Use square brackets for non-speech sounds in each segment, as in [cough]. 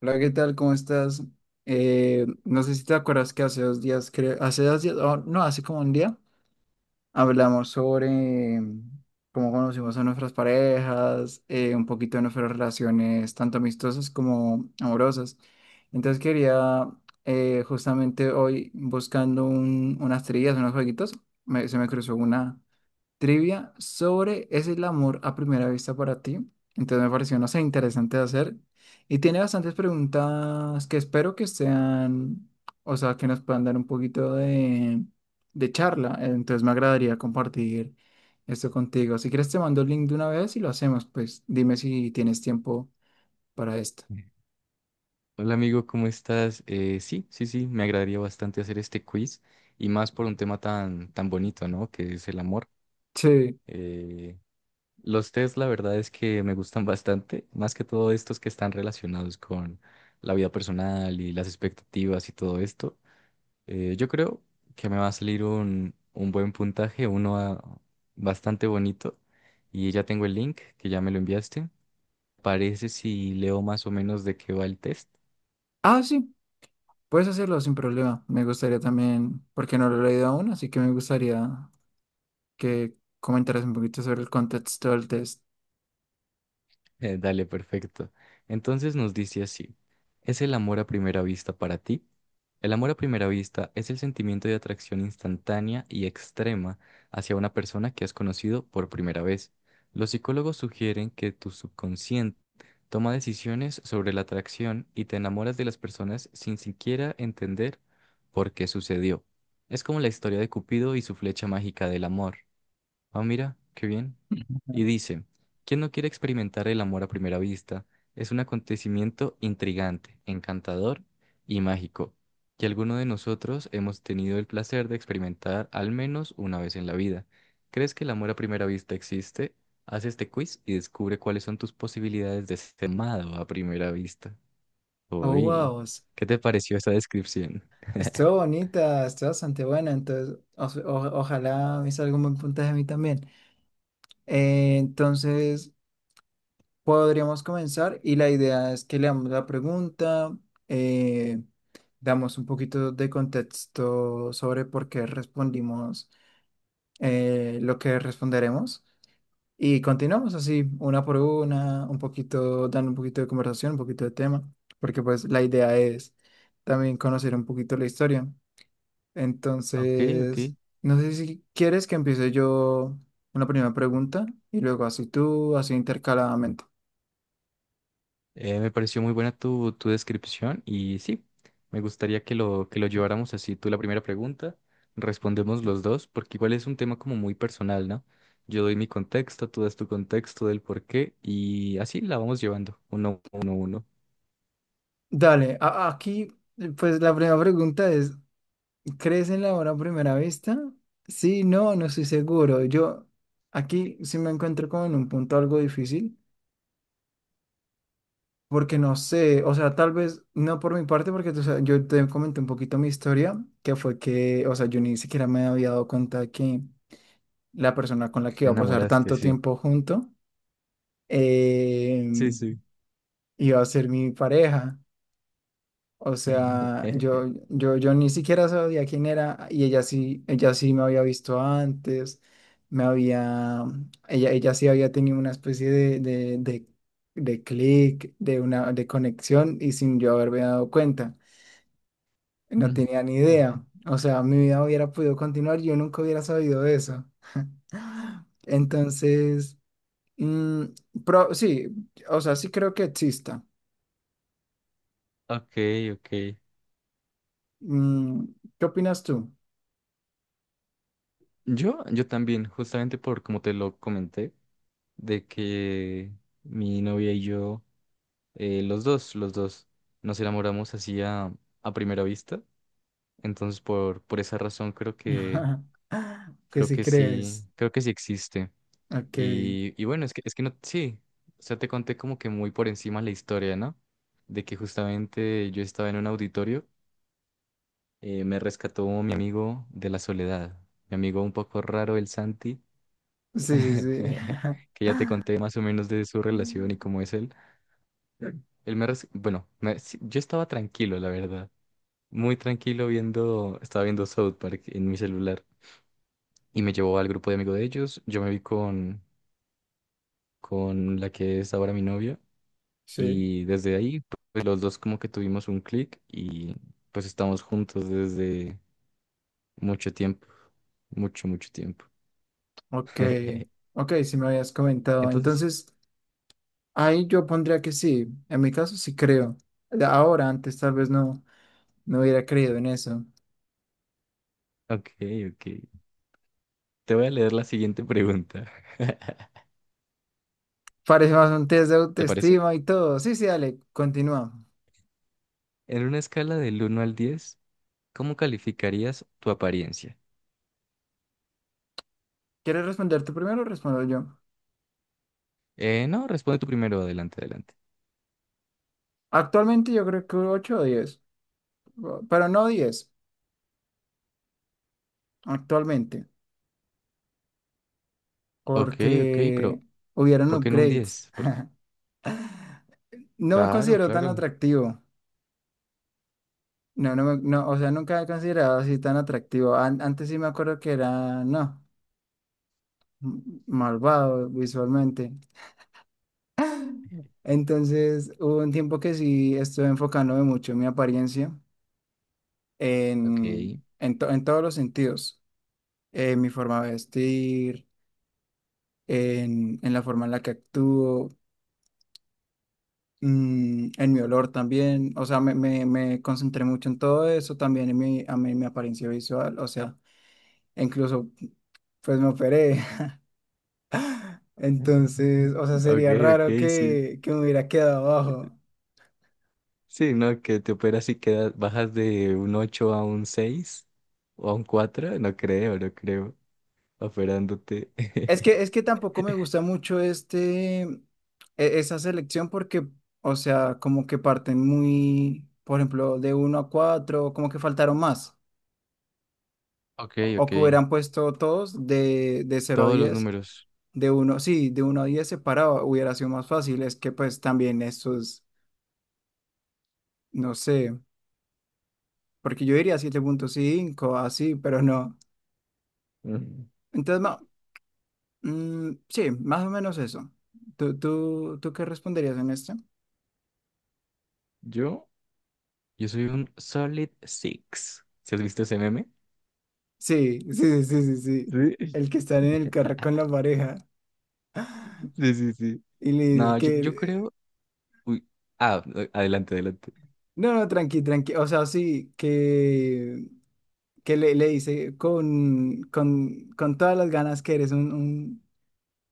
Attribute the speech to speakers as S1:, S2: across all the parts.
S1: Hola, ¿qué tal? ¿Cómo estás? No sé si te acuerdas que hace dos días, creo, hace dos días, o no, hace como un día, hablamos sobre mm, cómo conocimos a nuestras parejas, un poquito de nuestras relaciones, tanto amistosas como amorosas. Entonces quería, justamente hoy, buscando unas trillas, unos jueguitos, se me cruzó una trivia sobre ¿es el amor a primera vista para ti? Entonces me pareció, no sé, interesante de hacer. Y tiene bastantes preguntas que espero que sean, o sea, que nos puedan dar un poquito de charla. Entonces me agradaría compartir esto contigo. Si quieres te mando el link de una vez y lo hacemos, pues dime si tienes tiempo para esto.
S2: Hola amigo, ¿cómo estás? Sí, sí, sí, me agradaría bastante hacer este quiz y más por un tema tan bonito, ¿no? Que es el amor.
S1: Sí.
S2: Eh, los test, la verdad es que me gustan bastante, más que todo estos que están relacionados con la vida personal y las expectativas y todo esto. Yo creo que me va a salir un buen puntaje, uno bastante bonito, y ya tengo el link que ya me lo enviaste. Parece si leo más o menos de qué va el test.
S1: Ah, sí, puedes hacerlo sin problema. Me gustaría también, porque no lo he leído aún, así que me gustaría que comentaras un poquito sobre el contexto del test.
S2: Dale, perfecto. Entonces nos dice así, ¿es el amor a primera vista para ti? El amor a primera vista es el sentimiento de atracción instantánea y extrema hacia una persona que has conocido por primera vez. Los psicólogos sugieren que tu subconsciente toma decisiones sobre la atracción y te enamoras de las personas sin siquiera entender por qué sucedió. Es como la historia de Cupido y su flecha mágica del amor. Ah, mira, qué bien. Y dice, ¿quién no quiere experimentar el amor a primera vista? Es un acontecimiento intrigante, encantador y mágico, que alguno de nosotros hemos tenido el placer de experimentar al menos una vez en la vida. ¿Crees que el amor a primera vista existe? Haz este quiz y descubre cuáles son tus posibilidades de ser amado a primera vista.
S1: Oh,
S2: Uy,
S1: wow.
S2: ¿qué te pareció esa descripción?
S1: Estuvo bonita, estuvo bastante buena. Entonces, ojalá me salga un buen puntaje a mí también. Eh, entonces, Podríamos comenzar y la idea es que leamos la pregunta, eh, damos un poquito de contexto sobre por qué respondimos lo que responderemos y continuamos así, una por una, un poquito, dando un poquito de conversación, un poquito de tema, porque pues la idea es también conocer un poquito la historia.
S2: Ok, ok.
S1: Entonces, no sé si quieres que empiece yo una primera pregunta y luego así tú, así intercaladamente.
S2: Me pareció muy buena tu descripción, y sí, me gustaría que que lo lleváramos así. Tú la primera pregunta, respondemos los dos, porque igual es un tema como muy personal, ¿no? Yo doy mi contexto, tú das tu contexto del por qué y así la vamos llevando, uno, uno, uno.
S1: Dale, aquí, pues la primera pregunta es, ¿crees en la hora a primera vista? Sí, no estoy seguro. Yo aquí sí me encuentro como en un punto algo difícil, porque no sé, o sea, tal vez no por mi parte, porque tú sabes, yo te comenté un poquito mi historia, que fue que, o sea, yo ni siquiera me había dado cuenta que la persona con la que
S2: Te
S1: iba a pasar
S2: enamoraste,
S1: tanto
S2: sí.
S1: tiempo junto eh,
S2: Sí, sí.
S1: iba a ser mi pareja. O sea,
S2: [laughs]
S1: yo ni siquiera sabía quién era y ella sí me había visto antes, me había, ella sí había tenido una especie de clic, de una, de conexión y sin yo haberme dado cuenta. No tenía ni idea. O sea, mi vida hubiera podido continuar, yo nunca hubiera sabido eso. [gasps] Entonces, mm, sí, o sea, sí creo que exista.
S2: Ok, ok.
S1: Mm, ¿Qué opinas tú?
S2: Yo también, justamente por como te lo comenté, de que mi novia y yo... Los dos, los dos nos enamoramos así a primera vista. Entonces, por esa razón
S1: [laughs] Que si crees.
S2: creo que sí existe.
S1: Ok.
S2: Y bueno, es que no, sí, o sea, te conté como que muy por encima la historia, ¿no? De que justamente yo estaba en un auditorio, me rescató mi amigo de la soledad, mi amigo un poco raro, el Santi,
S1: Sí, sí, sí.
S2: [laughs]
S1: [laughs]
S2: que ya te conté más o menos de su relación y
S1: Mm.
S2: cómo es él. Él me, res- bueno, me- Sí, yo estaba tranquilo, la verdad. Muy tranquilo viendo, estaba viendo South Park en mi celular y me llevó al grupo de amigos de ellos. Yo me vi con la que es ahora mi novia,
S1: Sí.
S2: y desde ahí pues los dos como que tuvimos un clic y pues estamos juntos desde mucho tiempo, mucho, mucho tiempo.
S1: Ok.
S2: [laughs]
S1: Ok, si me habías comentado.
S2: Entonces,
S1: Entonces, ahí yo pondría que sí. En mi caso sí creo. Ahora, antes tal vez no, no hubiera creído en eso.
S2: ok, ok. Te voy a leer la siguiente pregunta. [laughs]
S1: Parece más un test de
S2: ¿Te parece?
S1: autoestima y todo. Sí, sí, dale, continúa.
S2: En una escala del 1 al 10, ¿cómo calificarías tu apariencia?
S1: ¿Quieres responder tú primero o respondo yo?
S2: No, responde tú primero, adelante, adelante.
S1: Actualmente yo creo que 8 o 10, pero no 10 actualmente.
S2: Ok, ok,
S1: Porque
S2: pero
S1: hubieron
S2: ¿por qué no un
S1: upgrades.
S2: 10? Por-.
S1: No me
S2: Claro,
S1: considero tan
S2: claro.
S1: atractivo. No, no, no, o sea, nunca he considerado así tan atractivo. Antes sí me acuerdo que era, no, m- malvado visualmente. Entonces, hubo un tiempo que sí estuve enfocándome mucho en mi apariencia,
S2: Ok.
S1: en todos los sentidos, en mi forma de vestir, en la forma en la que actúo. Mm, en mi olor también, o sea, me concentré mucho en todo eso, también en mi, a mí, mi apariencia visual, o sea, incluso pues me operé, [laughs]
S2: [laughs]
S1: entonces, o sea,
S2: Ok,
S1: sería
S2: ok,
S1: raro
S2: sí.
S1: que me hubiera quedado abajo.
S2: Sí, no, que te operas y quedas, bajas de un 8 a un 6 o a un 4, no creo, no creo, operándote. [laughs]
S1: Es que tampoco me gusta mucho este, esa selección porque, o sea, como que parten muy, por ejemplo, de uno a 4 como que faltaron más,
S2: Ok,
S1: o
S2: ok,
S1: que hubieran puesto todos de cero a
S2: todos los
S1: diez.
S2: números.
S1: De uno, sí, de uno a diez separado hubiera sido más fácil. Es que pues también estos, no sé, porque yo diría siete punto cinco así, pero no.
S2: Mm,
S1: Entonces, sí, más o menos eso. Tú qué responderías en esto?
S2: Yo, yo soy un solid six. ¿Si has visto ese meme?
S1: Sí, [laughs] sí, sí, sí, sí. sí.
S2: Sí.
S1: El que está en el carro con
S2: [laughs]
S1: la pareja [laughs]
S2: Sí, sí, sí.
S1: y le dice
S2: No, yo
S1: que...
S2: creo. Uy, ah, adelante, adelante.
S1: No, no, tranqui, tranqui. O sea, sí, que le dice con todas las ganas que eres un,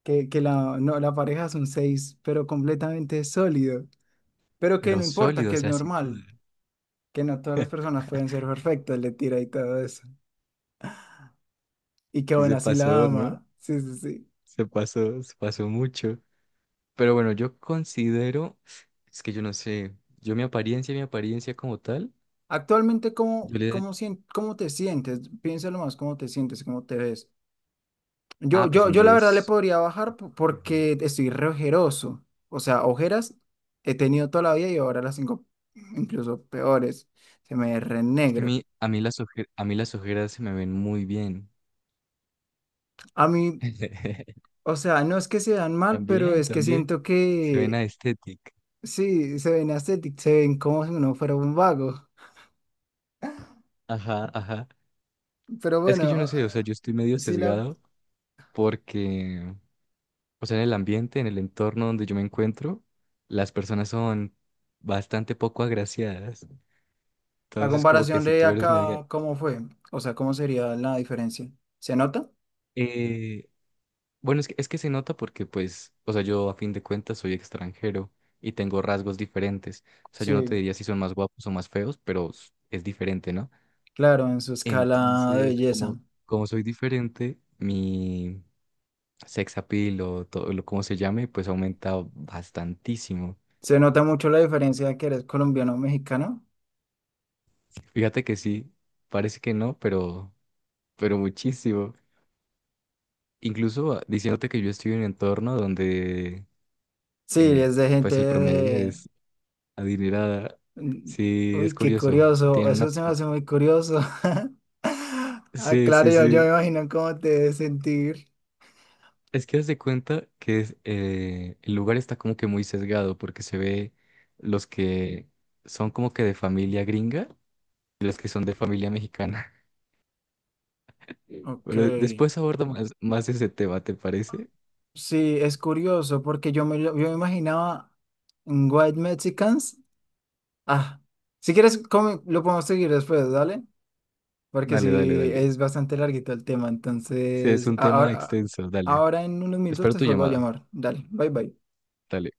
S1: que la, no, la pareja es un 6, pero completamente sólido. Pero que
S2: Pero
S1: no importa,
S2: sólido, o
S1: que es
S2: sea, sí.
S1: normal, que no todas las personas pueden ser perfectas, le tira y todo eso. Y que
S2: Y
S1: bueno,
S2: se
S1: así la
S2: pasó, ¿no?
S1: ama. Sí, sí, sí.
S2: Se pasó mucho. Pero bueno, yo considero, es que yo no sé, yo mi apariencia como tal,
S1: Actualmente, ¿cómo,
S2: yo le
S1: cómo, cómo te sientes? Piénsalo más, ¿cómo te sientes? ¿Cómo te ves?
S2: ah, pues un
S1: Yo la verdad le
S2: 10
S1: podría bajar
S2: fijo.
S1: porque estoy re ojeroso. O sea, ojeras he tenido toda la vida y ahora las tengo incluso peores. Se me ve re
S2: Es que a
S1: negro.
S2: mí, a mí las ojeras se me ven muy bien.
S1: A mí,
S2: [laughs]
S1: o sea, no es que se vean mal, pero
S2: También,
S1: es que
S2: también,
S1: siento
S2: se ven
S1: que
S2: estética.
S1: sí, se ven ascetic, se ven como si uno fuera un vago.
S2: Ajá, ajá.
S1: Pero
S2: Es que
S1: bueno,
S2: yo no sé, o sea, yo estoy medio
S1: sí la,
S2: sesgado porque, o sea, en el ambiente, en el entorno donde yo me encuentro, las personas son bastante poco agraciadas.
S1: la
S2: Entonces, como que
S1: comparación
S2: si
S1: de
S2: tú eres media...
S1: acá, ¿cómo fue? O sea, ¿cómo sería la diferencia? ¿Se nota?
S2: eh, bueno, es que se nota porque, pues, o sea, yo a fin de cuentas soy extranjero y tengo rasgos diferentes. O sea, yo no te
S1: Sí,
S2: diría si son más guapos o más feos, pero s- es diferente, ¿no?
S1: claro, en su escala de
S2: Entonces,
S1: belleza.
S2: como, como soy diferente, mi sex appeal o todo lo como se llame, pues aumenta bastantísimo.
S1: ¿Se nota mucho la diferencia de que eres colombiano o mexicano?
S2: Fíjate que sí, parece que no, pero muchísimo. Incluso ah, diciéndote que yo estoy en un entorno donde...
S1: Sí,
S2: eh,
S1: es de gente
S2: pues el promedio
S1: de,
S2: es adinerada.
S1: mm,
S2: Sí, es
S1: uy, qué
S2: curioso.
S1: curioso,
S2: Tienen una...
S1: eso se me hace muy curioso. [laughs] Ah,
S2: Sí,
S1: claro,
S2: sí,
S1: yo me
S2: sí.
S1: imagino cómo te debes sentir.
S2: Es que haz de cuenta que es, el lugar está como que muy sesgado porque se ve los que son como que de familia gringa y los que son de familia mexicana. [laughs]
S1: Ok,
S2: Pero después aborda más, más ese tema, ¿te parece?
S1: sí, es curioso porque yo me, yo me imaginaba un White Mexicans. Ah, si quieres, lo podemos seguir después, ¿dale? Porque
S2: Dale, dale,
S1: sí,
S2: dale.
S1: es bastante larguito el tema,
S2: Sí, es
S1: entonces
S2: un tema
S1: ahora,
S2: extenso, dale.
S1: ahora en unos minutos
S2: Espero
S1: te
S2: tu
S1: vuelvo a
S2: llamada.
S1: llamar. Dale, bye bye.
S2: Dale.